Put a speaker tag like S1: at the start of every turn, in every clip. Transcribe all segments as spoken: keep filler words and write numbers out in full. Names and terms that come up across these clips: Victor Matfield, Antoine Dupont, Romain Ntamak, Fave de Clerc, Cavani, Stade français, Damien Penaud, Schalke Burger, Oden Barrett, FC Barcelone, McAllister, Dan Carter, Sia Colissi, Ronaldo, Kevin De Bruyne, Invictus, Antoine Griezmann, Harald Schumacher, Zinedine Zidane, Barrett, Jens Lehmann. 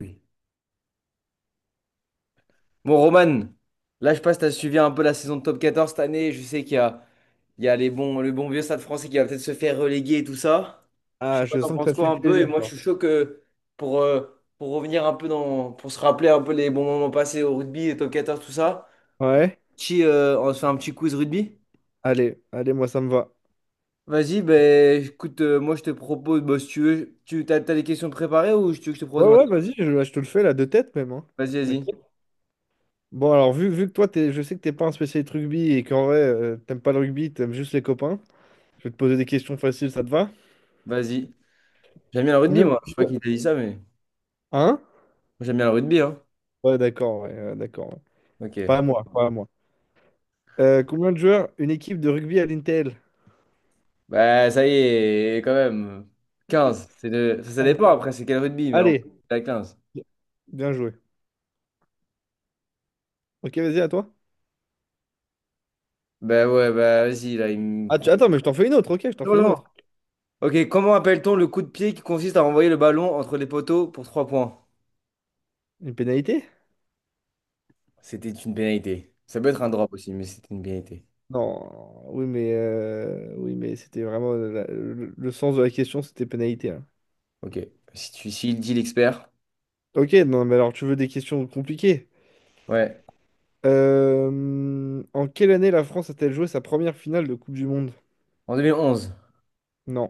S1: Oui. Bon, Roman, là, je passe, tu as suivi un peu la saison de top Quatorze cette année. Je sais qu'il y a, il y a les bons, le bon vieux Stade français qui va peut-être se faire reléguer et tout ça. Je
S2: Ah,
S1: sais pas,
S2: je
S1: t'en
S2: sens que ça
S1: penses
S2: te
S1: quoi
S2: fait
S1: un peu? Et
S2: plaisir,
S1: moi, je
S2: toi.
S1: suis chaud que pour, euh, pour revenir un peu dans, pour se rappeler un peu les bons moments passés au rugby, les top Quatorze tout ça.
S2: Ouais,
S1: Petit, euh, on se fait un petit quiz rugby?
S2: allez, allez, moi ça me va.
S1: Vas-y, ben écoute, euh, moi, je te propose, bah, si tu veux, tu t'as, t'as les questions préparées ou tu veux que je te propose
S2: Ouais, ouais,
S1: maintenant?
S2: vas-y, je, je te le fais là de tête même. hein.
S1: Vas-y, vas-y,
S2: T'inquiète. Bon, alors, vu, vu que toi, t'es, je sais que t'es pas un spécialiste rugby et qu'en vrai, euh, t'aimes pas le rugby, t'aimes juste les copains, je vais te poser des questions faciles, ça te va?
S1: vas-y. J'aime bien le rugby,
S2: Combien
S1: moi. Je
S2: de
S1: sais pas
S2: joueurs?
S1: qui t'a dit ça, mais moi,
S2: Hein?
S1: j'aime bien le rugby, hein.
S2: Ouais, d'accord, ouais, ouais, d'accord. ouais. Pas à
S1: Ok.
S2: moi, pas à moi. Euh, combien de joueurs une équipe de rugby à l'Intel?
S1: Bah, ça y est, quand même. Quinze. C'est de... Ça, ça
S2: Allez.
S1: dépend après, c'est quel rugby, mais on peut
S2: Allez,
S1: la quinze.
S2: bien joué. Ok, vas-y, à toi.
S1: Bah ouais, bah vas-y, là, il me
S2: Ah, tu-
S1: prend.
S2: attends, mais je t'en fais une autre, ok, je t'en
S1: Non,
S2: fais une
S1: non.
S2: autre.
S1: Ok, comment appelle-t-on le coup de pied qui consiste à renvoyer le ballon entre les poteaux pour trois points?
S2: Une pénalité?
S1: C'était une pénalité. Ça peut être un drop aussi, mais c'était une pénalité.
S2: Non, oui, mais, euh, oui, mais c'était vraiment la- le, le sens de la question, c'était pénalité. hein.
S1: Ok. Si tu si il dit l'expert.
S2: Ok, non, mais alors tu veux des questions compliquées.
S1: Ouais.
S2: Euh, en quelle année la France a-t-elle joué sa première finale de Coupe du Monde?
S1: En deux mille onze.
S2: Non,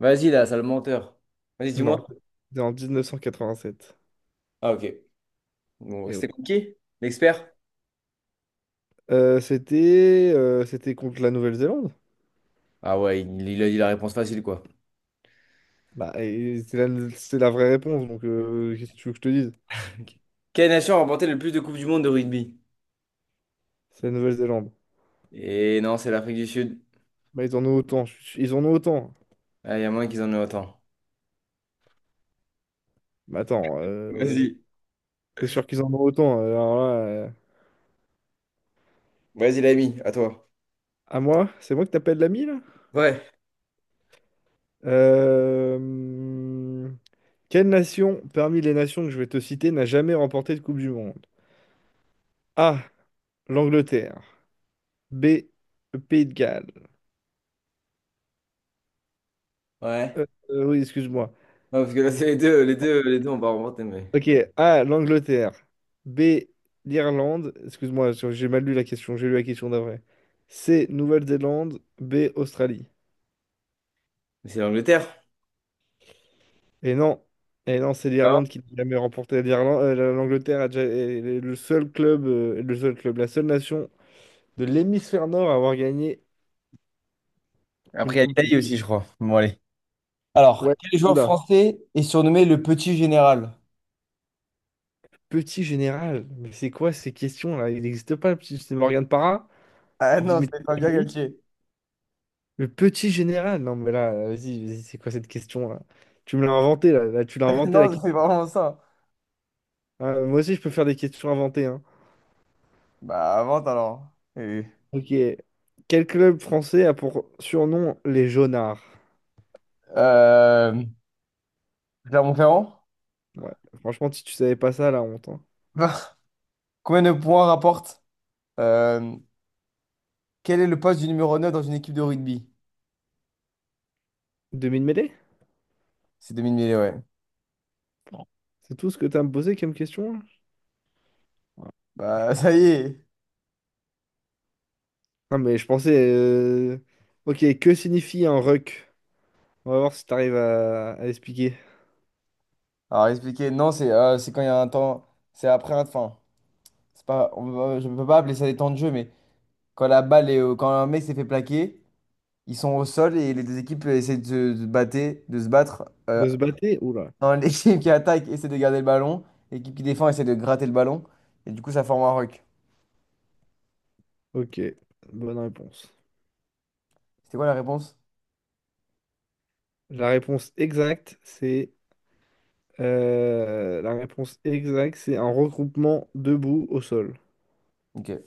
S1: Vas-y, là, sale menteur. Vas-y,
S2: non,
S1: dis-moi.
S2: c'était en dix-neuf cent quatre-vingt-sept.
S1: Ah, ok. Bon,
S2: Et ouais.
S1: c'était compliqué? L'expert?
S2: Euh, c'était euh, c'était contre la Nouvelle-Zélande.
S1: Ah ouais, il, il a dit la réponse facile, quoi.
S2: Bah, et c'est la, c'est la vraie réponse, donc euh, qu'est-ce que tu veux que je te dise?
S1: Ok. Quelle nation a remporté le plus de coupes du monde de rugby?
S2: C'est la Nouvelle-Zélande.
S1: Et non, c'est l'Afrique du Sud.
S2: Bah, ils en ont autant, je suis- ils en ont autant.
S1: Ah, il y a moins qu'ils en aient autant.
S2: Mais attends, euh,
S1: Vas-y.
S2: c'est sûr qu'ils en ont autant. euh, Alors là. euh,
S1: Vas-y, l'ami, à toi.
S2: À moi? C'est moi que t'appelles l'ami, là?
S1: Ouais,
S2: Euh, Quelle nation, parmi les nations que je vais te citer, n'a jamais remporté de Coupe du Monde? A. L'Angleterre. B. Le Pays de Galles.
S1: ouais.
S2: Euh, euh, oui, excuse-moi.
S1: Non, parce que là, c'est les deux, les deux, les deux, on va remonter, mais,
S2: Ok. A. L'Angleterre. B. L'Irlande. Excuse-moi, j'ai j'ai mal lu la question. J'ai lu la question d'après. C. Nouvelle-Zélande. B. Australie.
S1: mais c'est l'Angleterre.
S2: Et non. Et non, c'est
S1: Ah.
S2: l'Irlande qui n'a jamais remporté. L'Irlande, euh, l'Angleterre a déjà, est le seul club, euh, le seul club, la seule nation de l'hémisphère nord à avoir gagné une
S1: Après, il y a
S2: coupe.
S1: l'Italie
S2: du-
S1: aussi, je crois. Bon, allez. Alors,
S2: Ouais,
S1: quel joueur
S2: oula.
S1: français est surnommé le petit général?
S2: Petit général, mais c'est quoi ces questions-là? Il n'existe pas le petit. C'est Morgane Parra?
S1: Ah non,
S2: Dimitri
S1: c'est pas bien
S2: Pavlovitch.
S1: Galtier.
S2: Le petit général? Non, mais là, vas-y, vas-y, c'est quoi cette question-là? Tu me l'as inventé, là. Là, tu l'as inventé, la
S1: Non, c'est
S2: question.
S1: vraiment ça.
S2: Ah, moi aussi, je peux faire des questions inventées, hein.
S1: Bah, avant, alors. Eh oui.
S2: Ok. Quel club français a pour surnom les Jaunards?
S1: Euh, Clermont-Ferrand?
S2: Ouais. Franchement, si tu savais pas ça, la honte, hein.
S1: Bah. Combien de points rapporte? euh, quel est le poste du numéro neuf dans une équipe de rugby?
S2: deux mille mêlées?
S1: C'est 2000 mille, mille, ouais.
S2: C'est tout ce que t'as à me poser comme question? hein
S1: Bah, ça y est.
S2: Non, mais je pensais. euh, Ok, que signifie un ruck? On va voir si t'arrives à... à expliquer.
S1: Alors, expliquer, non, c'est euh, c'est quand il y a un temps. C'est après un. Enfin, c'est pas, on va- je ne peux pas appeler ça des temps de jeu, mais quand la balle est. au- Quand un mec s'est fait plaquer, ils sont au sol et les deux équipes euh, essaient de se, de se, battre, de se battre. Euh,
S2: De se battre? Oula.
S1: un- l'équipe qui attaque essaie de garder le ballon, l'équipe qui défend essaie de gratter le ballon, et du coup, ça forme un ruck.
S2: Ok, bonne réponse.
S1: C'était quoi la réponse?
S2: La réponse exacte, c'est. Euh, La réponse exacte, c'est un regroupement debout au sol.
S1: Ok.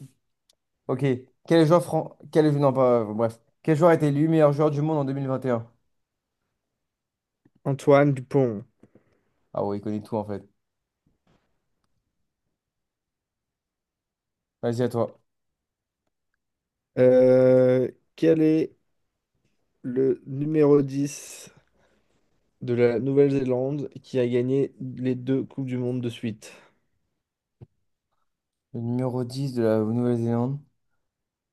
S1: Ok. Quel joueur fran... Quel... Non, pas, euh, bref. Quel joueur a été élu meilleur joueur du monde en deux mille vingt et un?
S2: Antoine Dupont.
S1: Ah ouais, il connaît tout en fait. Vas-y, à toi.
S2: Euh, Quel est le numéro dix de la Nouvelle-Zélande qui a gagné les deux Coupes du Monde de suite?
S1: Le numéro dix de la Nouvelle-Zélande.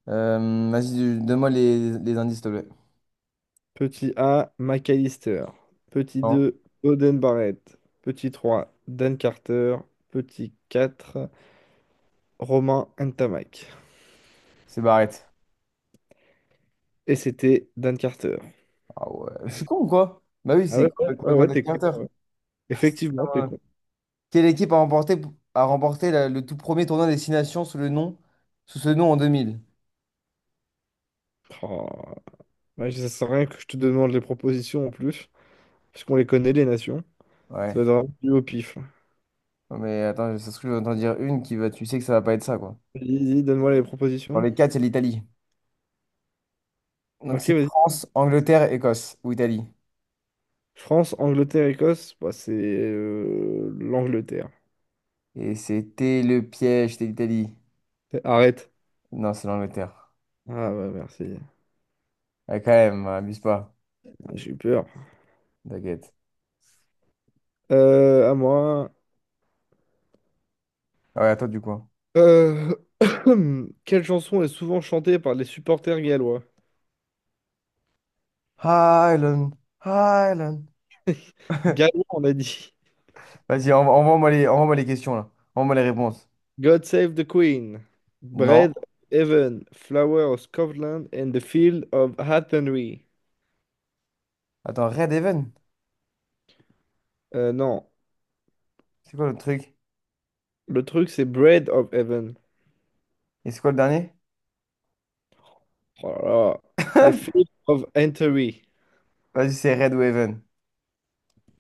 S1: Euh, vas-y, donne-moi les, les indices, s'il te plaît.
S2: Petit A, McAllister. Petit
S1: Non,
S2: deux, Oden Barrett. Petit trois, Dan Carter. Petit quatre, Romain Ntamak.
S1: c'est Barrett.
S2: Et c'était Dan Carter.
S1: Ah ouais. Je suis con ou quoi? Bah oui,
S2: Ah
S1: c'est
S2: ouais, ouais, ouais,
S1: complètement
S2: ouais, t'es
S1: délirant.
S2: con. Effectivement, t'es con.
S1: Quelle équipe a remporté, a remporté la- le tout premier tournoi Destination sous le nom, sous ce nom en deux mille.
S2: Oh, ouais, ça sert à rien que je te demande les propositions en plus, parce qu'on les connaît, les nations. Ça va
S1: Ouais.
S2: être vraiment du au pif.
S1: Non, mais attends, ça se trouve, je vais entendre dire une qui va, tu sais que ça va pas être ça, quoi.
S2: Vas-y, vas-y, donne-moi les
S1: Dans
S2: propositions.
S1: les quatre, il y a l'Italie. Donc
S2: Ok,
S1: c'est
S2: vas-y.
S1: France, Angleterre, Écosse ou Italie.
S2: France, Angleterre, Écosse. Bah, c'est euh, l'Angleterre.
S1: Et c'était le piège, c'était l'Italie.
S2: C'est- Arrête.
S1: Non, c'est l'Angleterre.
S2: Ah ouais, merci.
S1: Ouais, quand même, hein, abuse pas.
S2: Ah, j'ai eu peur.
S1: T'inquiète.
S2: Euh, à moi.
S1: Ah ouais, à toi du coup, hein.
S2: Euh, Quelle chanson est souvent chantée par les supporters gallois?
S1: Highland, Highland.
S2: Gallois, on a dit.
S1: Vas-y, envo- envoie-moi les, envoie-moi les questions là. Envoie-moi les réponses.
S2: God Save the Queen, Bread
S1: Non.
S2: of Heaven, Flower of Scotland and the Field of Athenry.
S1: Attends, Red Heaven.
S2: Euh, non,
S1: C'est quoi le truc?
S2: Le truc c'est Bread of Heaven.
S1: Et c'est quoi le dernier?
S2: Oh là là. The Field of Athenry.
S1: Vas-y, c'est Red ou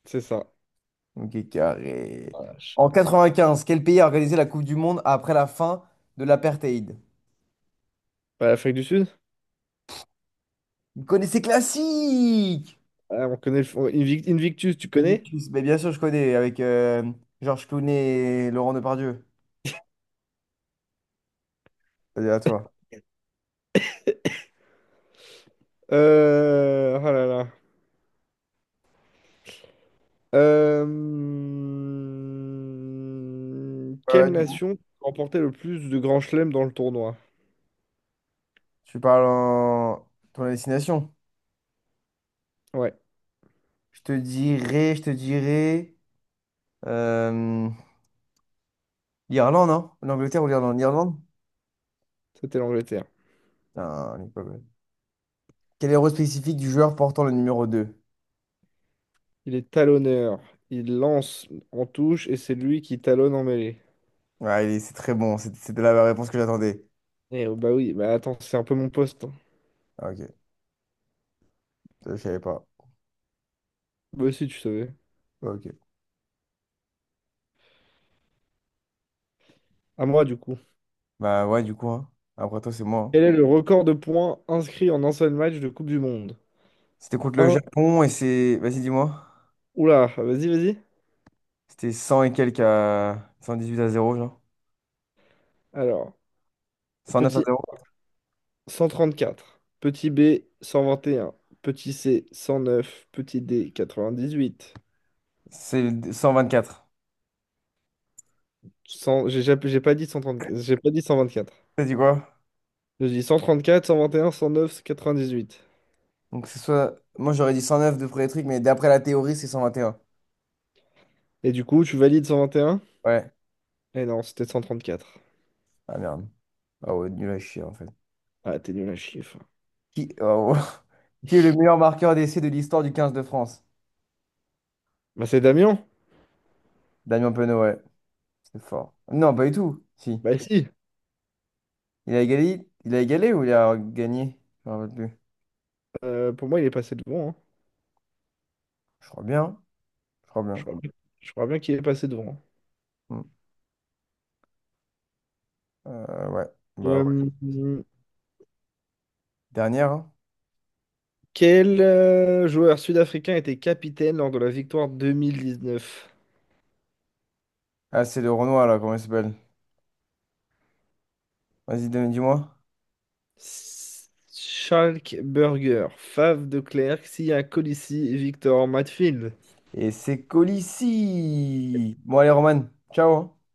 S2: C'est ça.
S1: Ok, carré.
S2: Voilà, je-
S1: En quatre-vingt-quinze, quel pays a organisé la Coupe du Monde après la fin de l'apartheid?
S2: Ouais, l'Afrique du Sud?
S1: Vous connaissez classique!
S2: Ah, on connaît le- Invic- Invictus, tu connais?
S1: Mais bien sûr, je connais avec euh, Georges Clooney et Laurent Depardieu. Vas-y, à toi.
S2: Euh... Oh là là. Euh, Quelle
S1: Ouais, ouais,
S2: nation remportait le plus de grands chelems dans le tournoi?
S1: tu parles en ton destination.
S2: Ouais,
S1: Je te dirai, je te dirai. Euh, L'Irlande, hein? L'Angleterre ou l'Irlande? L'Irlande?
S2: c'était l'Angleterre.
S1: Putain, elle est pas bonne. Quel héros spécifique du joueur portant le numéro deux.
S2: Il est talonneur. Il lance en touche et c'est lui qui talonne en mêlée.
S1: Ouais, il est- c'est très bon. C'était c'était la réponse que j'attendais.
S2: Eh oh, bah oui, bah attends, c'est un peu mon poste. hein.
S1: Ah, ok, je savais pas.
S2: Bah aussi, tu savais.
S1: Ok.
S2: À moi, du coup.
S1: Bah ouais, du coup, hein. Après toi, c'est moi,
S2: Quel est
S1: hein.
S2: le record de points inscrits en un seul match de Coupe du Monde?
S1: C'était contre le
S2: Un.
S1: Japon et c'est... Vas-y, dis-moi.
S2: Oula, vas-y, vas-y.
S1: C'était cent et quelques à... huit à zéro, genre.
S2: Alors,
S1: Cent neuf à
S2: petit
S1: zéro.
S2: cent trente-quatre, petit B cent vingt et un, petit C cent neuf, petit D quatre-vingt-dix-huit.
S1: C'est le- quatre.
S2: cent. J'ai jamais- j'ai pas dit cent trente-quatre, j'ai pas dit cent vingt-quatre.
S1: T'as dit quoi?
S2: Je dis cent trente-quatre, cent vingt et un, cent neuf, quatre-vingt-dix-huit.
S1: Donc c'est soit... Moi, j'aurais dit cent neuf de premier truc, mais d'après la théorie, c'est cent vingt et un.
S2: Et un, cent neuf, quatre-vingt-dix-huit. Et du coup, tu valides cent vingt et un?
S1: Ouais.
S2: Eh non, c'était cent trente-quatre.
S1: Ah merde. Ah ouais, nul à chier, en fait.
S2: Ah, t'es nul à chiffre.
S1: Qui, oh, qui est le meilleur marqueur d'essai de l'histoire du quinze de France?
S2: Bah, c'est Damien?
S1: Damien Penaud, ouais. C'est fort. Non, pas du tout. Si.
S2: Bah, si.
S1: Il a égalé, il a égalé ou il a gagné? Je me rappelle plus.
S2: Euh, pour moi, il est passé devant. hein.
S1: Je crois bien. Je crois
S2: Je
S1: bien.
S2: crois, bien je crois bien qu'il est passé devant.
S1: Hmm. Euh, ouais. Bah ouais.
S2: Euh,
S1: Dernière, hein.
S2: quel euh, joueur sud-africain était capitaine lors de la victoire deux mille dix-neuf?
S1: Ah, c'est le Renoir, là. Comment il s'appelle? Vas-y, donne- dis-moi.
S2: Schalke Burger, Fave de Clerc, Sia Colissi, Victor Matfield.
S1: Et c'est Colissi. Bon, allez, Roman. Ciao, hein.